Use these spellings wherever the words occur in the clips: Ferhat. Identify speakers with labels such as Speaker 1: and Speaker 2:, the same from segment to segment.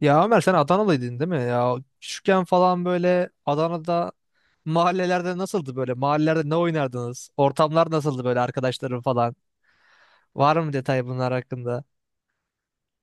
Speaker 1: Ya Ömer, sen Adanalıydın değil mi? Ya küçükken falan böyle Adana'da mahallelerde nasıldı böyle? Mahallelerde ne oynardınız? Ortamlar nasıldı böyle, arkadaşların falan? Var mı detay bunlar hakkında?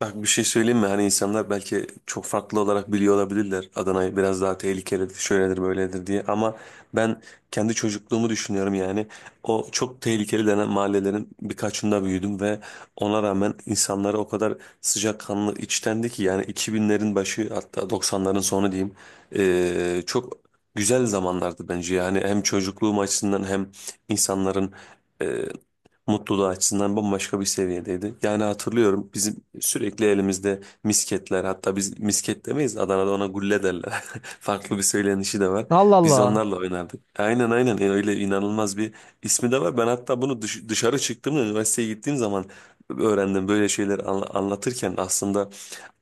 Speaker 2: Bak bir şey söyleyeyim mi? Hani insanlar belki çok farklı olarak biliyor olabilirler. Adana'yı biraz daha tehlikelidir, şöyledir, böyledir diye. Ama ben kendi çocukluğumu düşünüyorum yani. O çok tehlikeli denen mahallelerin birkaçında büyüdüm ve ona rağmen insanları o kadar sıcakkanlı, içtendi ki yani 2000'lerin başı hatta 90'ların sonu diyeyim. Çok güzel zamanlardı bence yani hem çocukluğum açısından hem insanların mutluluğu açısından bambaşka bir seviyedeydi. Yani hatırlıyorum, bizim sürekli elimizde misketler, hatta biz misket demeyiz, Adana'da ona gulle derler. Farklı bir söylenişi de var.
Speaker 1: Allah
Speaker 2: Biz
Speaker 1: Allah.
Speaker 2: onlarla oynardık. Aynen aynen. Öyle inanılmaz bir ismi de var. Ben hatta bunu dışarı çıktığımda, üniversiteye gittiğim zaman öğrendim, böyle şeyler anlatırken aslında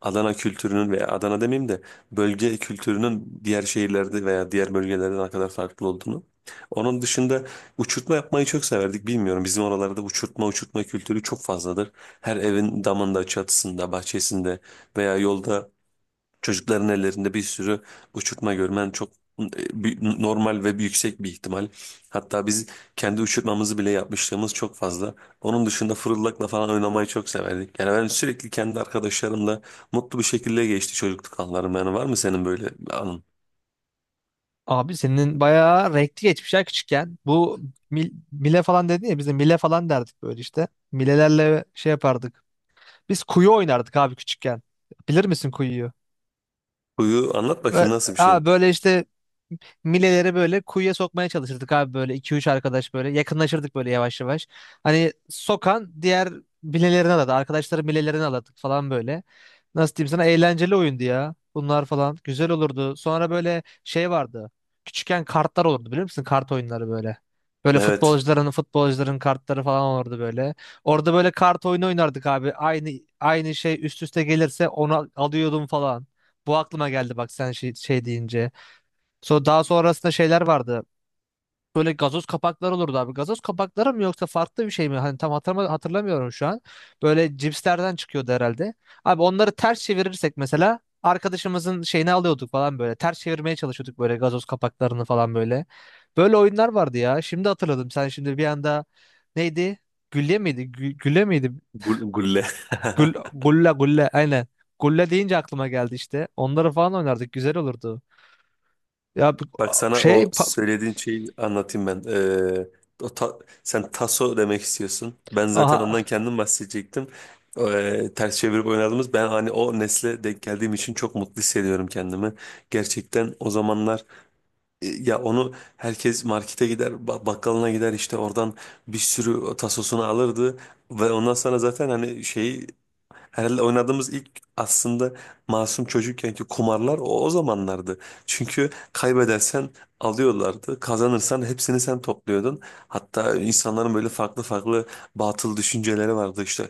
Speaker 2: Adana kültürünün veya Adana demeyeyim de bölge kültürünün diğer şehirlerde veya diğer bölgelerde ne kadar farklı olduğunu. Onun dışında uçurtma yapmayı çok severdik. Bilmiyorum, bizim oralarda uçurtma uçurtma kültürü çok fazladır. Her evin damında, çatısında, bahçesinde veya yolda çocukların ellerinde bir sürü uçurtma görmen çok normal ve bir yüksek bir ihtimal. Hatta biz kendi uçurtmamızı bile yapmışlığımız çok fazla. Onun dışında fırıldakla falan oynamayı çok severdik. Yani ben sürekli kendi arkadaşlarımla mutlu bir şekilde geçti çocukluk anılarım. Yani var mı senin böyle bir anın?
Speaker 1: Abi senin bayağı renkli geçmiş ya küçükken. Bu mile falan dedin ya, biz de mile falan derdik böyle işte. Milelerle şey yapardık. Biz kuyu oynardık abi küçükken. Bilir misin kuyuyu?
Speaker 2: Huyu anlat bakayım,
Speaker 1: Böyle,
Speaker 2: nasıl bir şey?
Speaker 1: ha, böyle işte mileleri böyle kuyuya sokmaya çalışırdık abi, böyle iki üç arkadaş böyle yakınlaşırdık böyle yavaş yavaş. Hani sokan diğer bilelerini aladı. Arkadaşların bilelerini aladık falan böyle. Nasıl diyeyim sana, eğlenceli oyundu ya. Bunlar falan güzel olurdu. Sonra böyle şey vardı. Küçükken kartlar olurdu biliyor musun? Kart oyunları böyle. Böyle
Speaker 2: Evet.
Speaker 1: futbolcuların kartları falan olurdu böyle. Orada böyle kart oyunu oynardık abi. Aynı şey üst üste gelirse onu alıyordum falan. Bu aklıma geldi bak, sen şey deyince. Daha sonrasında şeyler vardı. Böyle gazoz kapakları olurdu abi. Gazoz kapakları mı yoksa farklı bir şey mi? Hani tam hatırlamıyorum şu an. Böyle cipslerden çıkıyordu herhalde. Abi onları ters çevirirsek mesela arkadaşımızın şeyini alıyorduk falan böyle. Ters çevirmeye çalışıyorduk böyle gazoz kapaklarını falan böyle. Böyle oyunlar vardı ya. Şimdi hatırladım. Sen şimdi bir anda neydi? Gülle miydi? Gülle miydi?
Speaker 2: Gulle.
Speaker 1: Gulla, gulla, aynen. Gulla deyince aklıma geldi işte. Onları falan oynardık. Güzel olurdu. Ya bu-
Speaker 2: Bak, sana
Speaker 1: şey
Speaker 2: o
Speaker 1: pa-
Speaker 2: söylediğin şeyi anlatayım ben. O ta- Sen taso demek istiyorsun. Ben zaten
Speaker 1: aha.
Speaker 2: ondan kendim bahsedecektim. Ters çevirip oynadığımız, ben hani o nesle denk geldiğim için çok mutlu hissediyorum kendimi. Gerçekten o zamanlar, ya onu herkes markete gider, bakkalına gider, işte oradan bir sürü tasosunu alırdı ve ondan sonra zaten hani şeyi, herhalde oynadığımız ilk, aslında masum çocukkenki kumarlar o zamanlardı. Çünkü kaybedersen alıyorlardı, kazanırsan hepsini sen topluyordun. Hatta insanların böyle farklı farklı batıl düşünceleri vardı, işte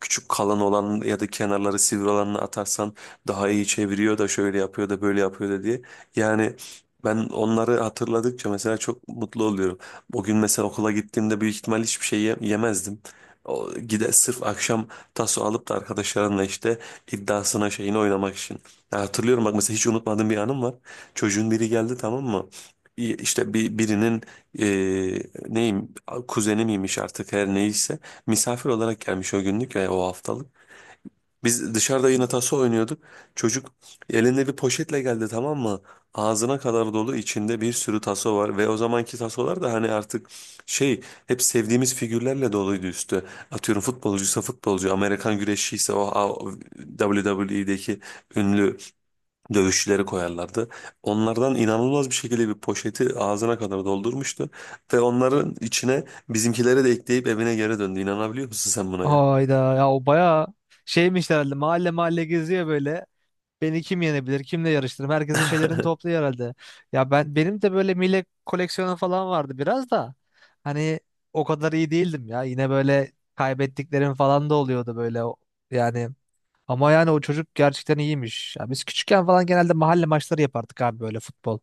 Speaker 2: küçük kalan olan ya da kenarları sivri olanını atarsan daha iyi çeviriyor da, şöyle yapıyor da, böyle yapıyor da diye. Yani ben onları hatırladıkça mesela çok mutlu oluyorum. O gün mesela okula gittiğimde büyük ihtimal hiçbir şey yemezdim. O, gide sırf akşam taso alıp da arkadaşlarınla işte iddiasına şeyini oynamak için. Ya hatırlıyorum, bak mesela hiç unutmadığım bir anım var. Çocuğun biri geldi, tamam mı? İşte birinin, e, neyim, kuzeni miymiş artık, her neyse, misafir olarak gelmiş o günlük ve o haftalık. Biz dışarıda yine taso oynuyorduk. Çocuk elinde bir poşetle geldi, tamam mı? Ağzına kadar dolu, içinde bir sürü taso var ve o zamanki tasolar da hani artık şey, hep sevdiğimiz figürlerle doluydu üstü. Atıyorum futbolcuysa futbolcu, Amerikan güreşçiyse WWE'deki ünlü dövüşçüleri koyarlardı. Onlardan inanılmaz bir şekilde bir poşeti ağzına kadar doldurmuştu ve onların içine bizimkileri de ekleyip evine geri döndü. İnanabiliyor musun sen buna ya?
Speaker 1: Hayda ya, o bayağı şeymiş herhalde, mahalle mahalle geziyor böyle. Beni kim yenebilir, kimle yarıştırırım? Herkesin şeylerini topluyor herhalde. Ya ben, benim de böyle millet koleksiyonu falan vardı biraz da. Hani o kadar iyi değildim ya. Yine böyle kaybettiklerim falan da oluyordu böyle. Yani, ama yani o çocuk gerçekten iyiymiş. Ya biz küçükken falan genelde mahalle maçları yapardık abi, böyle futbol.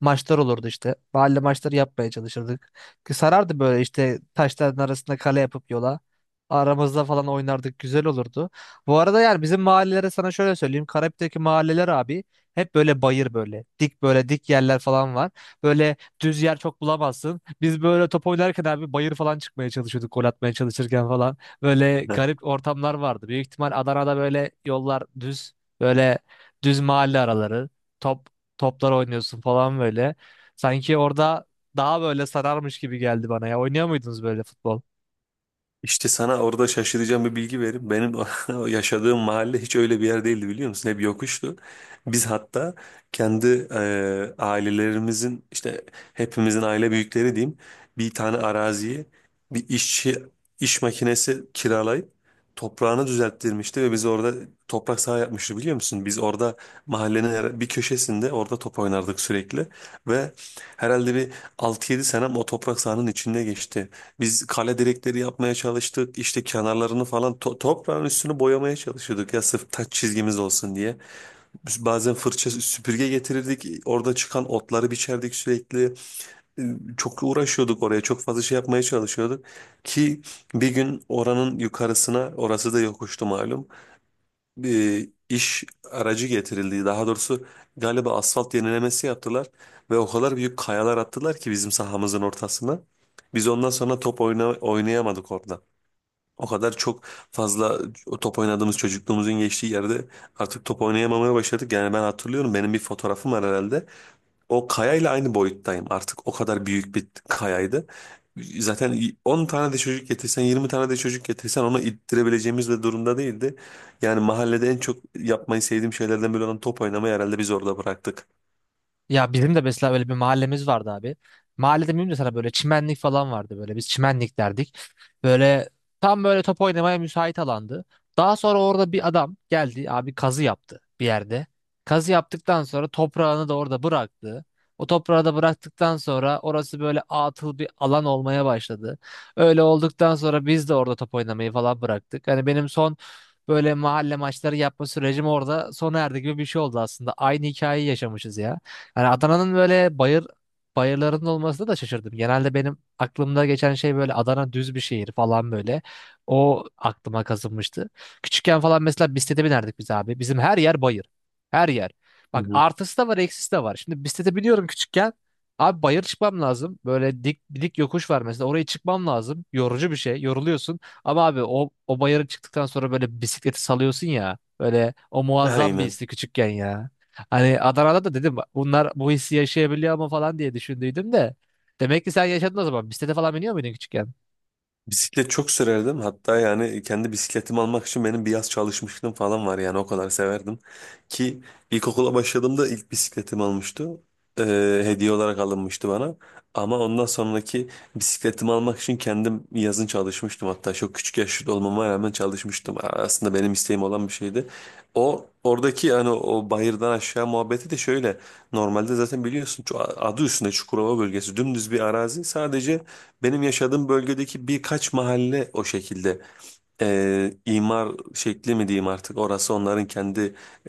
Speaker 1: Maçlar olurdu işte. Mahalle maçları yapmaya çalışırdık. Ki sarardı böyle işte taşların arasında kale yapıp yola. Aramızda falan oynardık. Güzel olurdu. Bu arada yani bizim mahallelere sana şöyle söyleyeyim. Karabük'teki mahalleler abi hep böyle bayır böyle. Dik, böyle dik yerler falan var. Böyle düz yer çok bulamazsın. Biz böyle top oynarken abi bayır falan çıkmaya çalışıyorduk, gol atmaya çalışırken falan. Böyle
Speaker 2: Heh.
Speaker 1: garip ortamlar vardı. Büyük ihtimal Adana'da böyle yollar düz, böyle düz mahalle araları, top toplar oynuyorsun falan böyle. Sanki orada daha böyle sararmış gibi geldi bana ya. Oynuyor muydunuz böyle futbol?
Speaker 2: İşte sana orada şaşıracağım bir bilgi vereyim. Benim o yaşadığım mahalle hiç öyle bir yer değildi, biliyor musun? Hep yokuştu. Biz hatta kendi, ailelerimizin, işte hepimizin aile büyükleri diyeyim, bir tane araziye bir işçi iş makinesi kiralayıp toprağını düzelttirmişti ve biz orada toprak saha yapmıştı, biliyor musun? Biz orada mahallenin bir köşesinde, orada top oynardık sürekli ve herhalde bir 6-7 senem o toprak sahanın içinde geçti. Biz kale direkleri yapmaya çalıştık. İşte kenarlarını falan, toprağın üstünü boyamaya çalışıyorduk ya, sırf taç çizgimiz olsun diye. Biz bazen fırça süpürge getirirdik. Orada çıkan otları biçerdik sürekli. Ee, Çok uğraşıyorduk oraya. Çok fazla şey yapmaya çalışıyorduk. Ki bir gün oranın yukarısına, orası da yokuştu malum, bir iş aracı getirildi. Daha doğrusu galiba asfalt yenilemesi yaptılar ve o kadar büyük kayalar attılar ki bizim sahamızın ortasına. Biz ondan sonra top oynayamadık orada. O kadar çok fazla, o top oynadığımız çocukluğumuzun geçtiği yerde artık top oynayamamaya başladık. Yani ben hatırlıyorum, benim bir fotoğrafım var herhalde. O kayayla aynı boyuttayım artık. O kadar büyük bir kayaydı. Zaten 10 tane de çocuk getirsen, 20 tane de çocuk getirsen onu ittirebileceğimiz de durumda değildi. Yani mahallede en çok yapmayı sevdiğim şeylerden biri olan top oynamayı herhalde biz orada bıraktık.
Speaker 1: Ya bizim de mesela öyle bir mahallemiz vardı abi. Mahallede miyim de sana böyle çimenlik falan vardı böyle. Biz çimenlik derdik. Böyle tam böyle top oynamaya müsait alandı. Daha sonra orada bir adam geldi abi, kazı yaptı bir yerde. Kazı yaptıktan sonra toprağını da orada bıraktı. O toprağı da bıraktıktan sonra orası böyle atıl bir alan olmaya başladı. Öyle olduktan sonra biz de orada top oynamayı falan bıraktık. Hani benim son böyle mahalle maçları yapma sürecim orada sona erdi gibi bir şey oldu aslında. Aynı hikayeyi yaşamışız ya. Yani Adana'nın böyle bayır bayırlarının olmasına da şaşırdım. Genelde benim aklımda geçen şey böyle Adana düz bir şehir falan böyle. O aklıma kazınmıştı. Küçükken falan mesela bisiklete binerdik biz abi. Bizim her yer bayır. Her yer.
Speaker 2: Hı
Speaker 1: Bak
Speaker 2: hı.
Speaker 1: artısı da var, eksisi de var. Şimdi bisiklete biniyorum küçükken. Abi bayır çıkmam lazım. Böyle dik dik yokuş var mesela. Oraya çıkmam lazım. Yorucu bir şey. Yoruluyorsun. Ama abi o bayıra çıktıktan sonra böyle bisikleti salıyorsun ya. Böyle o muazzam bir
Speaker 2: Aynen.
Speaker 1: histi küçükken ya. Hani Adana'da da dedim bunlar bu hissi yaşayabiliyor mu falan diye düşündüydüm de. Demek ki sen yaşadın o zaman. Bisiklete falan biniyor muydun küçükken?
Speaker 2: Bisiklet çok sürerdim. Hatta yani kendi bisikletimi almak için benim bir yaz çalışmışlığım falan var, yani o kadar severdim. Ki ilkokula başladığımda ilk bisikletimi almıştı. Hediye olarak alınmıştı bana. Ama ondan sonraki bisikletimi almak için kendim yazın çalışmıştım. Hatta çok küçük yaşta olmama rağmen çalışmıştım. Aslında benim isteğim olan bir şeydi. O oradaki yani o bayırdan aşağı muhabbeti de şöyle. Normalde zaten biliyorsun, adı üstünde Çukurova bölgesi dümdüz bir arazi. Sadece benim yaşadığım bölgedeki birkaç mahalle o şekilde, imar şekli mi diyeyim artık orası, onların kendi,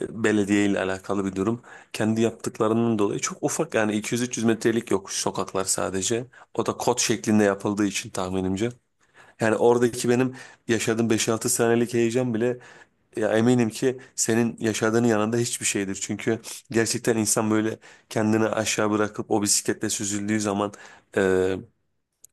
Speaker 2: belediye ile alakalı bir durum. Kendi yaptıklarının dolayı çok ufak, yani 200-300 metrelik yokuş sokaklar sadece. O da kot şeklinde yapıldığı için tahminimce. Yani oradaki benim yaşadığım 5-6 senelik heyecan bile, ya eminim ki senin yaşadığının yanında hiçbir şeydir. Çünkü gerçekten insan böyle kendini aşağı bırakıp o bisikletle süzüldüğü zaman,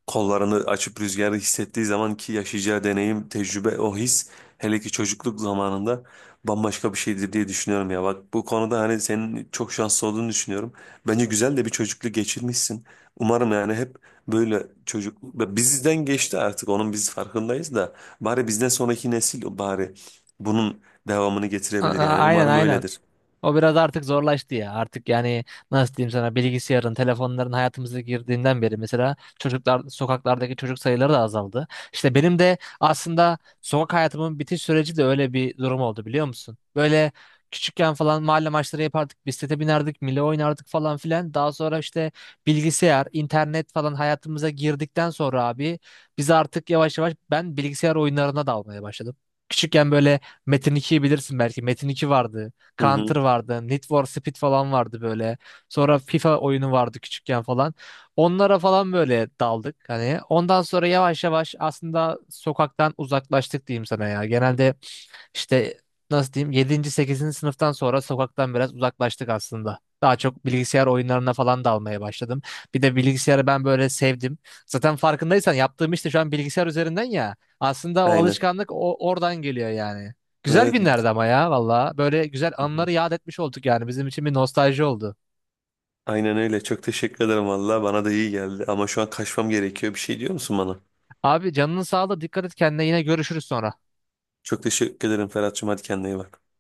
Speaker 2: kollarını açıp rüzgarı hissettiği zaman ki yaşayacağı deneyim, tecrübe, o his, hele ki çocukluk zamanında bambaşka bir şeydir diye düşünüyorum ya. Bak, bu konuda hani senin çok şanslı olduğunu düşünüyorum. Bence güzel de bir çocukluk geçirmişsin. Umarım yani, hep böyle, çocuk bizden geçti artık, onun biz farkındayız da bari bizden sonraki nesil bari bunun devamını
Speaker 1: A-
Speaker 2: getirebilir,
Speaker 1: a-
Speaker 2: yani
Speaker 1: aynen
Speaker 2: umarım
Speaker 1: aynen.
Speaker 2: öyledir.
Speaker 1: O biraz artık zorlaştı ya. Artık yani nasıl diyeyim sana, bilgisayarın, telefonların hayatımıza girdiğinden beri mesela çocuklar, sokaklardaki çocuk sayıları da azaldı. İşte benim de aslında sokak hayatımın bitiş süreci de öyle bir durum oldu biliyor musun? Böyle küçükken falan mahalle maçları yapardık, bisiklete binerdik, mille oynardık falan filan. Daha sonra işte bilgisayar, internet falan hayatımıza girdikten sonra abi biz artık yavaş yavaş, ben bilgisayar oyunlarına dalmaya başladım. Küçükken böyle Metin 2'yi bilirsin belki. Metin 2 vardı.
Speaker 2: Hı
Speaker 1: Counter
Speaker 2: hı.
Speaker 1: vardı. Need for Speed falan vardı böyle. Sonra FIFA oyunu vardı küçükken falan. Onlara falan böyle daldık hani. Ondan sonra yavaş yavaş aslında sokaktan uzaklaştık diyeyim sana ya. Genelde işte nasıl diyeyim, yedinci sekizinci sınıftan sonra sokaktan biraz uzaklaştık aslında. Daha çok bilgisayar oyunlarına falan dalmaya başladım. Bir de bilgisayarı ben böyle sevdim. Zaten farkındaysan yaptığım işte şu an bilgisayar üzerinden ya. Aslında o
Speaker 2: Aynen.
Speaker 1: alışkanlık oradan geliyor yani. Güzel
Speaker 2: Evet.
Speaker 1: günlerdi ama ya valla. Böyle güzel anıları yad etmiş olduk yani. Bizim için bir nostalji oldu.
Speaker 2: Aynen öyle. Çok teşekkür ederim valla. Bana da iyi geldi. Ama şu an kaçmam gerekiyor. Bir şey diyor musun bana?
Speaker 1: Abi canının sağlığı, dikkat et kendine, yine görüşürüz sonra.
Speaker 2: Çok teşekkür ederim Ferhat'cığım. Hadi kendine iyi bak.